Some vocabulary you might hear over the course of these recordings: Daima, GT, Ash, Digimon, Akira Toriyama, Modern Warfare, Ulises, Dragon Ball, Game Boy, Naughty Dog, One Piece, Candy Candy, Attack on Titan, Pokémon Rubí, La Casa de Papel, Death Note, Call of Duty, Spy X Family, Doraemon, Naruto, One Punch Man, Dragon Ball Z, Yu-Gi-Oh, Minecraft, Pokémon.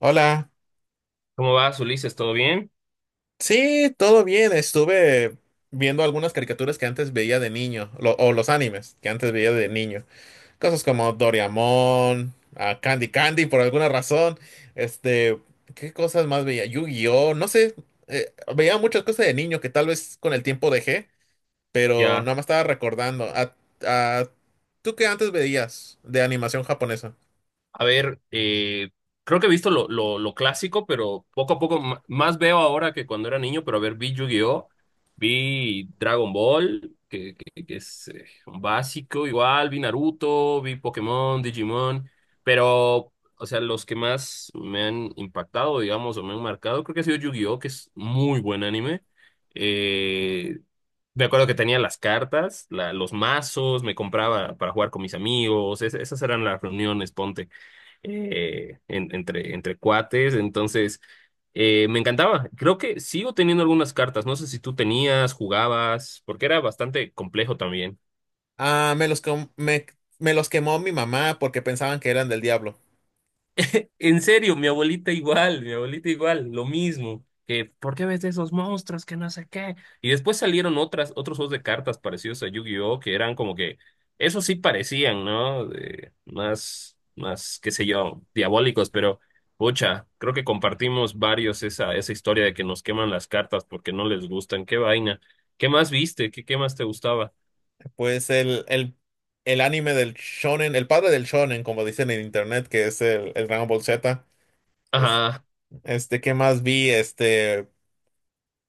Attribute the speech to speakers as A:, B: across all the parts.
A: Hola.
B: ¿Cómo vas, Ulises? ¿Todo bien?
A: Sí, todo bien. Estuve viendo algunas caricaturas que antes veía de niño, o los animes que antes veía de niño. Cosas como Doraemon, ah, Candy Candy por alguna razón. Este, ¿qué cosas más veía? Yu-Gi-Oh, no sé. Veía muchas cosas de niño que tal vez con el tiempo dejé, pero
B: Ya.
A: no me estaba recordando. Ah, ¿Tú qué antes veías de animación japonesa?
B: A ver, creo que he visto lo clásico, pero poco a poco más veo ahora que cuando era niño, pero a ver, vi Yu-Gi-Oh, vi Dragon Ball, que es un básico igual, vi Naruto, vi Pokémon, Digimon, pero, o sea, los que más me han impactado, digamos, o me han marcado, creo que ha sido Yu-Gi-Oh, que es muy buen anime. Eh, Me acuerdo que tenía las cartas, los mazos, me compraba para jugar con mis amigos, esas eran las reuniones, ponte entre cuates. Entonces, me encantaba. Creo que sigo teniendo algunas cartas. No sé si tú tenías, jugabas, porque era bastante complejo también.
A: Ah, me los quemó mi mamá porque pensaban que eran del diablo.
B: En serio, mi abuelita igual, lo mismo. Que, ¿por qué ves esos monstruos que no sé qué? Y después salieron otras, otros juegos de cartas parecidos a Yu-Gi-Oh! Que eran como que, esos sí parecían, ¿no? Más, más, qué sé yo, diabólicos, pero, pucha, creo que compartimos varios esa, esa historia de que nos queman las cartas porque no les gustan. Qué vaina. ¿Qué más viste? ¿Qué, qué más te gustaba?
A: Pues el anime del shonen, el padre del shonen, como dicen en internet, que es el Dragon Ball Z. Es,
B: Ajá.
A: este, ¿qué más vi? Este,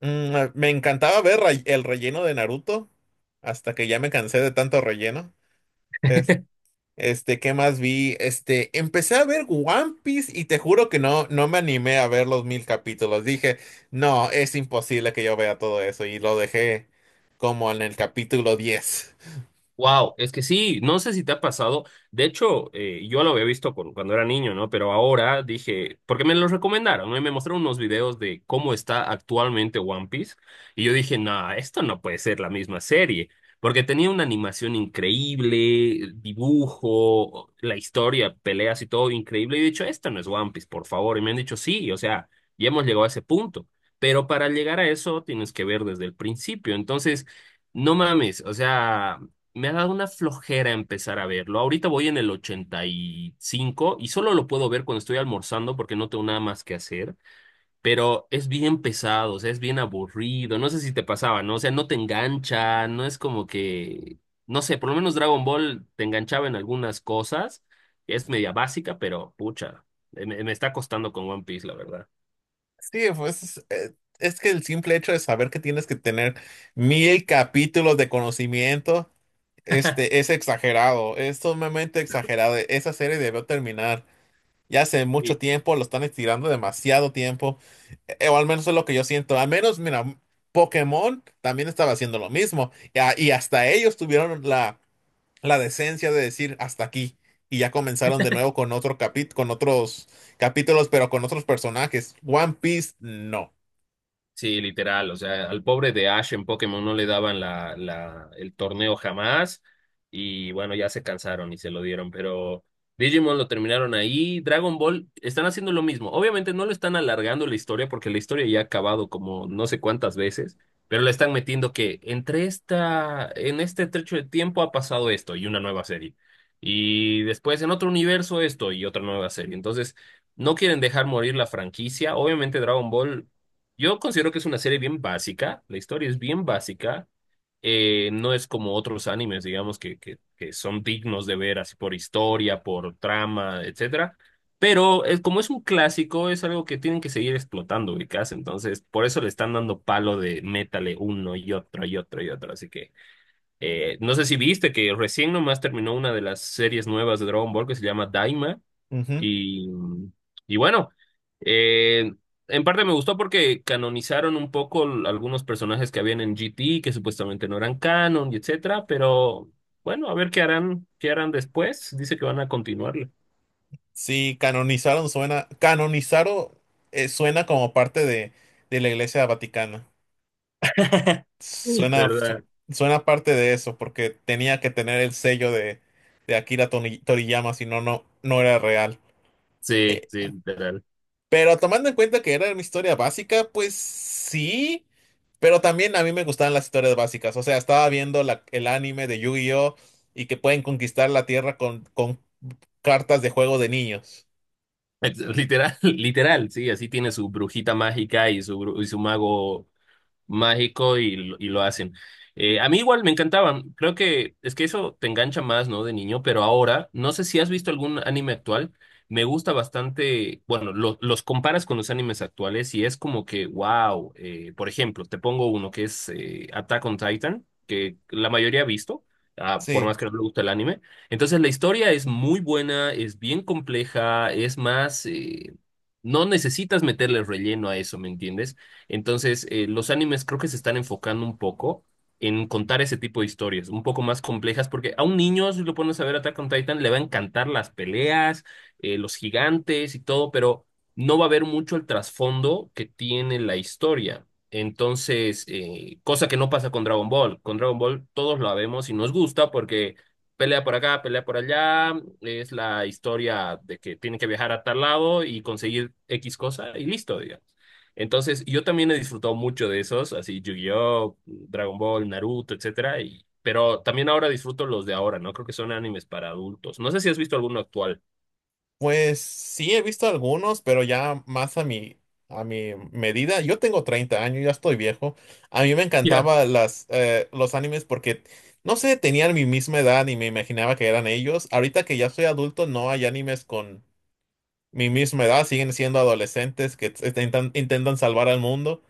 A: me encantaba ver el relleno de Naruto, hasta que ya me cansé de tanto relleno. Es- ¿Qué más vi? Este, empecé a ver One Piece y te juro que no me animé a ver los 1000 capítulos. Dije, no, es imposible que yo vea todo eso y lo dejé como en el capítulo 10.
B: Wow, es que sí, no sé si te ha pasado. De hecho, yo lo había visto cuando era niño, ¿no? Pero ahora dije, porque me lo recomendaron, ¿no? Y me mostraron unos videos de cómo está actualmente One Piece. Y yo dije, no, esto no puede ser la misma serie. Porque tenía una animación increíble, dibujo, la historia, peleas y todo increíble. Y he dicho, esto no es One Piece, por favor. Y me han dicho, sí, o sea, ya hemos llegado a ese punto. Pero para llegar a eso tienes que ver desde el principio. Entonces. No mames, o sea, me ha dado una flojera empezar a verlo. Ahorita voy en el 85 y cinco y solo lo puedo ver cuando estoy almorzando porque no tengo nada más que hacer. Pero es bien pesado, o sea, es bien aburrido. No sé si te pasaba, ¿no? O sea, no te engancha, no es como que, no sé, por lo menos Dragon Ball te enganchaba en algunas cosas. Es media básica, pero pucha, me está costando con One Piece, la verdad.
A: Sí, pues es que el simple hecho de saber que tienes que tener 1000 capítulos de conocimiento, este, es exagerado, es sumamente exagerado. Esa serie debió terminar ya hace mucho tiempo, lo están estirando demasiado tiempo, o al menos es lo que yo siento. Al menos, mira, Pokémon también estaba haciendo lo mismo, y, y hasta ellos tuvieron la decencia de decir hasta aquí, y ya comenzaron de nuevo con con otros capítulos, pero con otros personajes. One Piece, no.
B: Sí, literal, o sea, al pobre de Ash en Pokémon no le daban el torneo jamás y bueno, ya se cansaron y se lo dieron, pero Digimon lo terminaron ahí, Dragon Ball están haciendo lo mismo, obviamente no lo están alargando la historia porque la historia ya ha acabado como no sé cuántas veces, pero le están metiendo que entre esta, en este trecho de tiempo ha pasado esto y una nueva serie y después en otro universo esto y otra nueva serie, entonces... No quieren dejar morir la franquicia. Obviamente Dragon Ball yo considero que es una serie bien básica, la historia es bien básica, no es como otros animes, digamos, que son dignos de ver así por historia, por trama, etcétera. Pero es, como es un clásico, es algo que tienen que seguir explotando, ubicás. Entonces, por eso le están dando palo de métale uno y otro y otro y otro. Así que, no sé si viste que recién nomás terminó una de las series nuevas de Dragon Ball que se llama Daima.
A: Ujú.
B: Y, y bueno, eh, en parte me gustó porque canonizaron un poco algunos personajes que habían en GT, que supuestamente no eran canon, y etcétera, pero bueno, a ver qué harán después. Dice que van a continuarlo,
A: Sí, canonizaron suena como parte de la Iglesia Vaticana. Suena, su-
B: ¿verdad?
A: suena parte de eso, porque tenía que tener el sello de Toriyama, si no, no era real.
B: Sí,
A: Eh,
B: sí, literal.
A: pero tomando en cuenta que era una historia básica, pues sí, pero también a mí me gustaban las historias básicas. O sea, estaba viendo el anime de Yu-Gi-Oh! Y que pueden conquistar la Tierra con cartas de juego de niños.
B: Literal, literal, sí, así tiene su brujita mágica y su, y su mago mágico y, y lo hacen. A mí igual me encantaban, creo que es que eso te engancha más, ¿no? De niño, pero ahora, no sé si has visto algún anime actual, me gusta bastante, bueno, los comparas con los animes actuales y es como que, wow, por ejemplo, te pongo uno que es Attack on Titan, que la mayoría ha visto. Ah, por
A: Sí.
B: más que no le guste el anime. Entonces la historia es muy buena, es bien compleja, es más, no necesitas meterle relleno a eso, ¿me entiendes? Entonces, los animes creo que se están enfocando un poco en contar ese tipo de historias, un poco más complejas, porque a un niño, si lo pones a ver Attack on Titan, le va a encantar las peleas, los gigantes y todo, pero no va a ver mucho el trasfondo que tiene la historia. Entonces, cosa que no pasa con Dragon Ball. Con Dragon Ball todos la vemos y nos gusta porque pelea por acá, pelea por allá, es la historia de que tiene que viajar a tal lado y conseguir X cosa y listo, digamos. Entonces, yo también he disfrutado mucho de esos, así Yu-Gi-Oh, Dragon Ball, Naruto, etcétera, y pero también ahora disfruto los de ahora, ¿no? Creo que son animes para adultos. No sé si has visto alguno actual.
A: Pues sí, he visto algunos, pero ya más a a mi medida. Yo tengo 30 años, ya estoy viejo. A mí me
B: Ya.
A: encantaban los animes porque, no sé, tenían mi misma edad y me imaginaba que eran ellos. Ahorita que ya soy adulto, no hay animes con mi misma edad. Siguen siendo adolescentes que intentan salvar al mundo.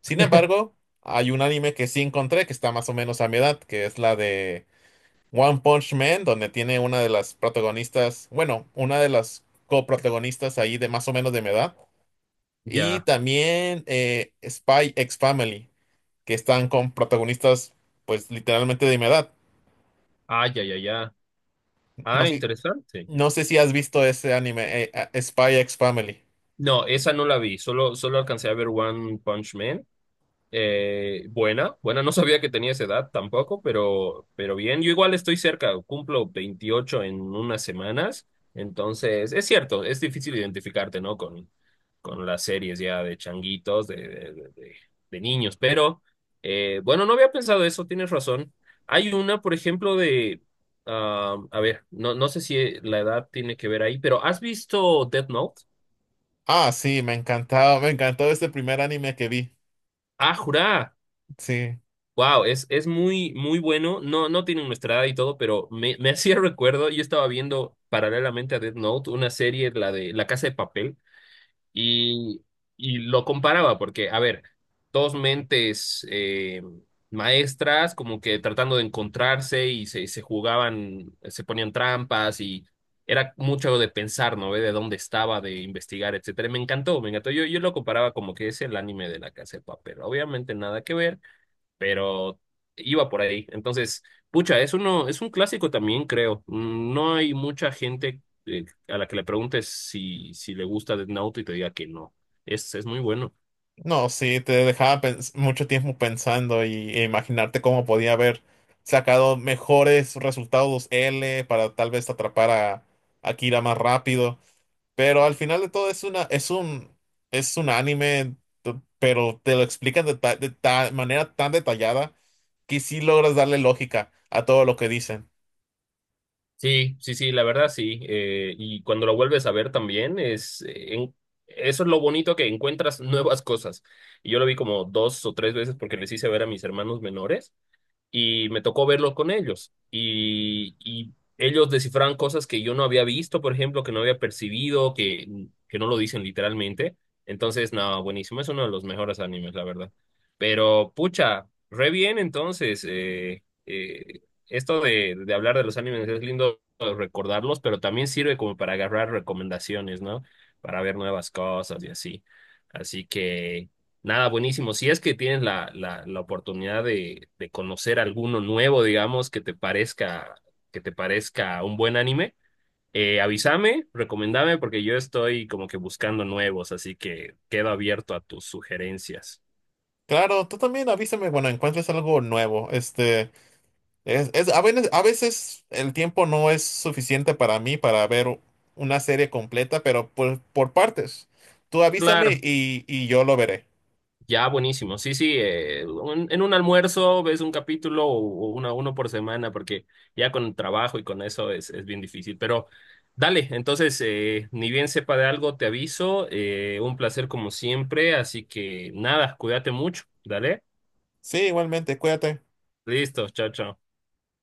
A: Sin embargo, hay un anime que sí encontré que está más o menos a mi edad, que es la de One Punch Man, donde tiene una de las protagonistas, bueno, una de las coprotagonistas ahí de más o menos de mi edad. Y
B: Ya.
A: también Spy X Family, que están con protagonistas, pues literalmente de mi edad.
B: Ah, ya, ya, ya.
A: No
B: Ah,
A: sé,
B: interesante.
A: no sé si has visto ese anime, Spy X Family.
B: No, esa no la vi, solo alcancé a ver One Punch Man. Buena, buena, no sabía que tenía esa edad tampoco, pero bien, yo igual estoy cerca, cumplo 28 en unas semanas, entonces es cierto, es difícil identificarte, ¿no? Con las series ya de changuitos, de niños, pero bueno, no había pensado eso, tienes razón. Hay una, por ejemplo, de, ah, a ver, no, no sé si la edad tiene que ver ahí, pero ¿has visto Death Note?
A: Ah, sí, me encantaba, me encantó ese primer anime que vi.
B: Ah, jurá.
A: Sí.
B: Wow, es muy, muy bueno. No, no tienen nuestra edad y todo, pero me hacía recuerdo, yo estaba viendo paralelamente a Death Note una serie, la de La Casa de Papel, y, y lo comparaba, porque, a ver, dos mentes maestras como que tratando de encontrarse y se jugaban, se ponían trampas y era mucho de pensar, ¿no? De dónde estaba, de investigar, etcétera. Y me encantó, me encantó. Yo lo comparaba como que es el anime de La Casa de Papel. Obviamente nada que ver pero iba por ahí. Entonces, pucha, es uno, es un clásico también, creo. No hay mucha gente a la que le preguntes si le gusta Death Note y te diga que no. Es muy bueno.
A: No, sí, te dejaba mucho tiempo pensando y, e imaginarte cómo podía haber sacado mejores resultados L para tal vez atrapar a Akira más rápido. Pero al final de todo es es un anime, pero te lo explican de, manera tan detallada que sí logras darle lógica a todo lo que dicen.
B: Sí, sí, sí, la verdad sí. Y cuando lo vuelves a ver también, eso es lo bonito que encuentras nuevas cosas. Y yo lo vi como dos o tres veces porque les hice ver a mis hermanos menores. Y me tocó verlos con ellos. Y ellos descifraban cosas que yo no había visto, por ejemplo, que no había percibido, que no lo dicen literalmente. Entonces, no, buenísimo, es uno de los mejores animes, la verdad. Pero, pucha, re bien entonces. Esto de, hablar de los animes es lindo recordarlos, pero también sirve como para agarrar recomendaciones, ¿no? Para ver nuevas cosas y así. Así que... Nada, buenísimo. Si es que tienes la oportunidad de conocer alguno nuevo, digamos, que te parezca un buen anime, avísame, recomendame, porque yo estoy como que buscando nuevos, así que quedo abierto a tus sugerencias.
A: Claro, tú también avísame cuando encuentres algo nuevo. Este. A veces, a veces el tiempo no es suficiente para mí para ver una serie completa, pero por partes. Tú avísame
B: Claro.
A: y yo lo veré.
B: Ya, buenísimo. Sí, sí, en un almuerzo ves un capítulo o una, uno por semana, porque ya con el trabajo y con eso es bien difícil. Pero dale, entonces, ni bien sepa de algo, te aviso. Un placer como siempre, así que nada, cuídate mucho. Dale.
A: Sí, igualmente, cuídate.
B: Listo, chao, chao.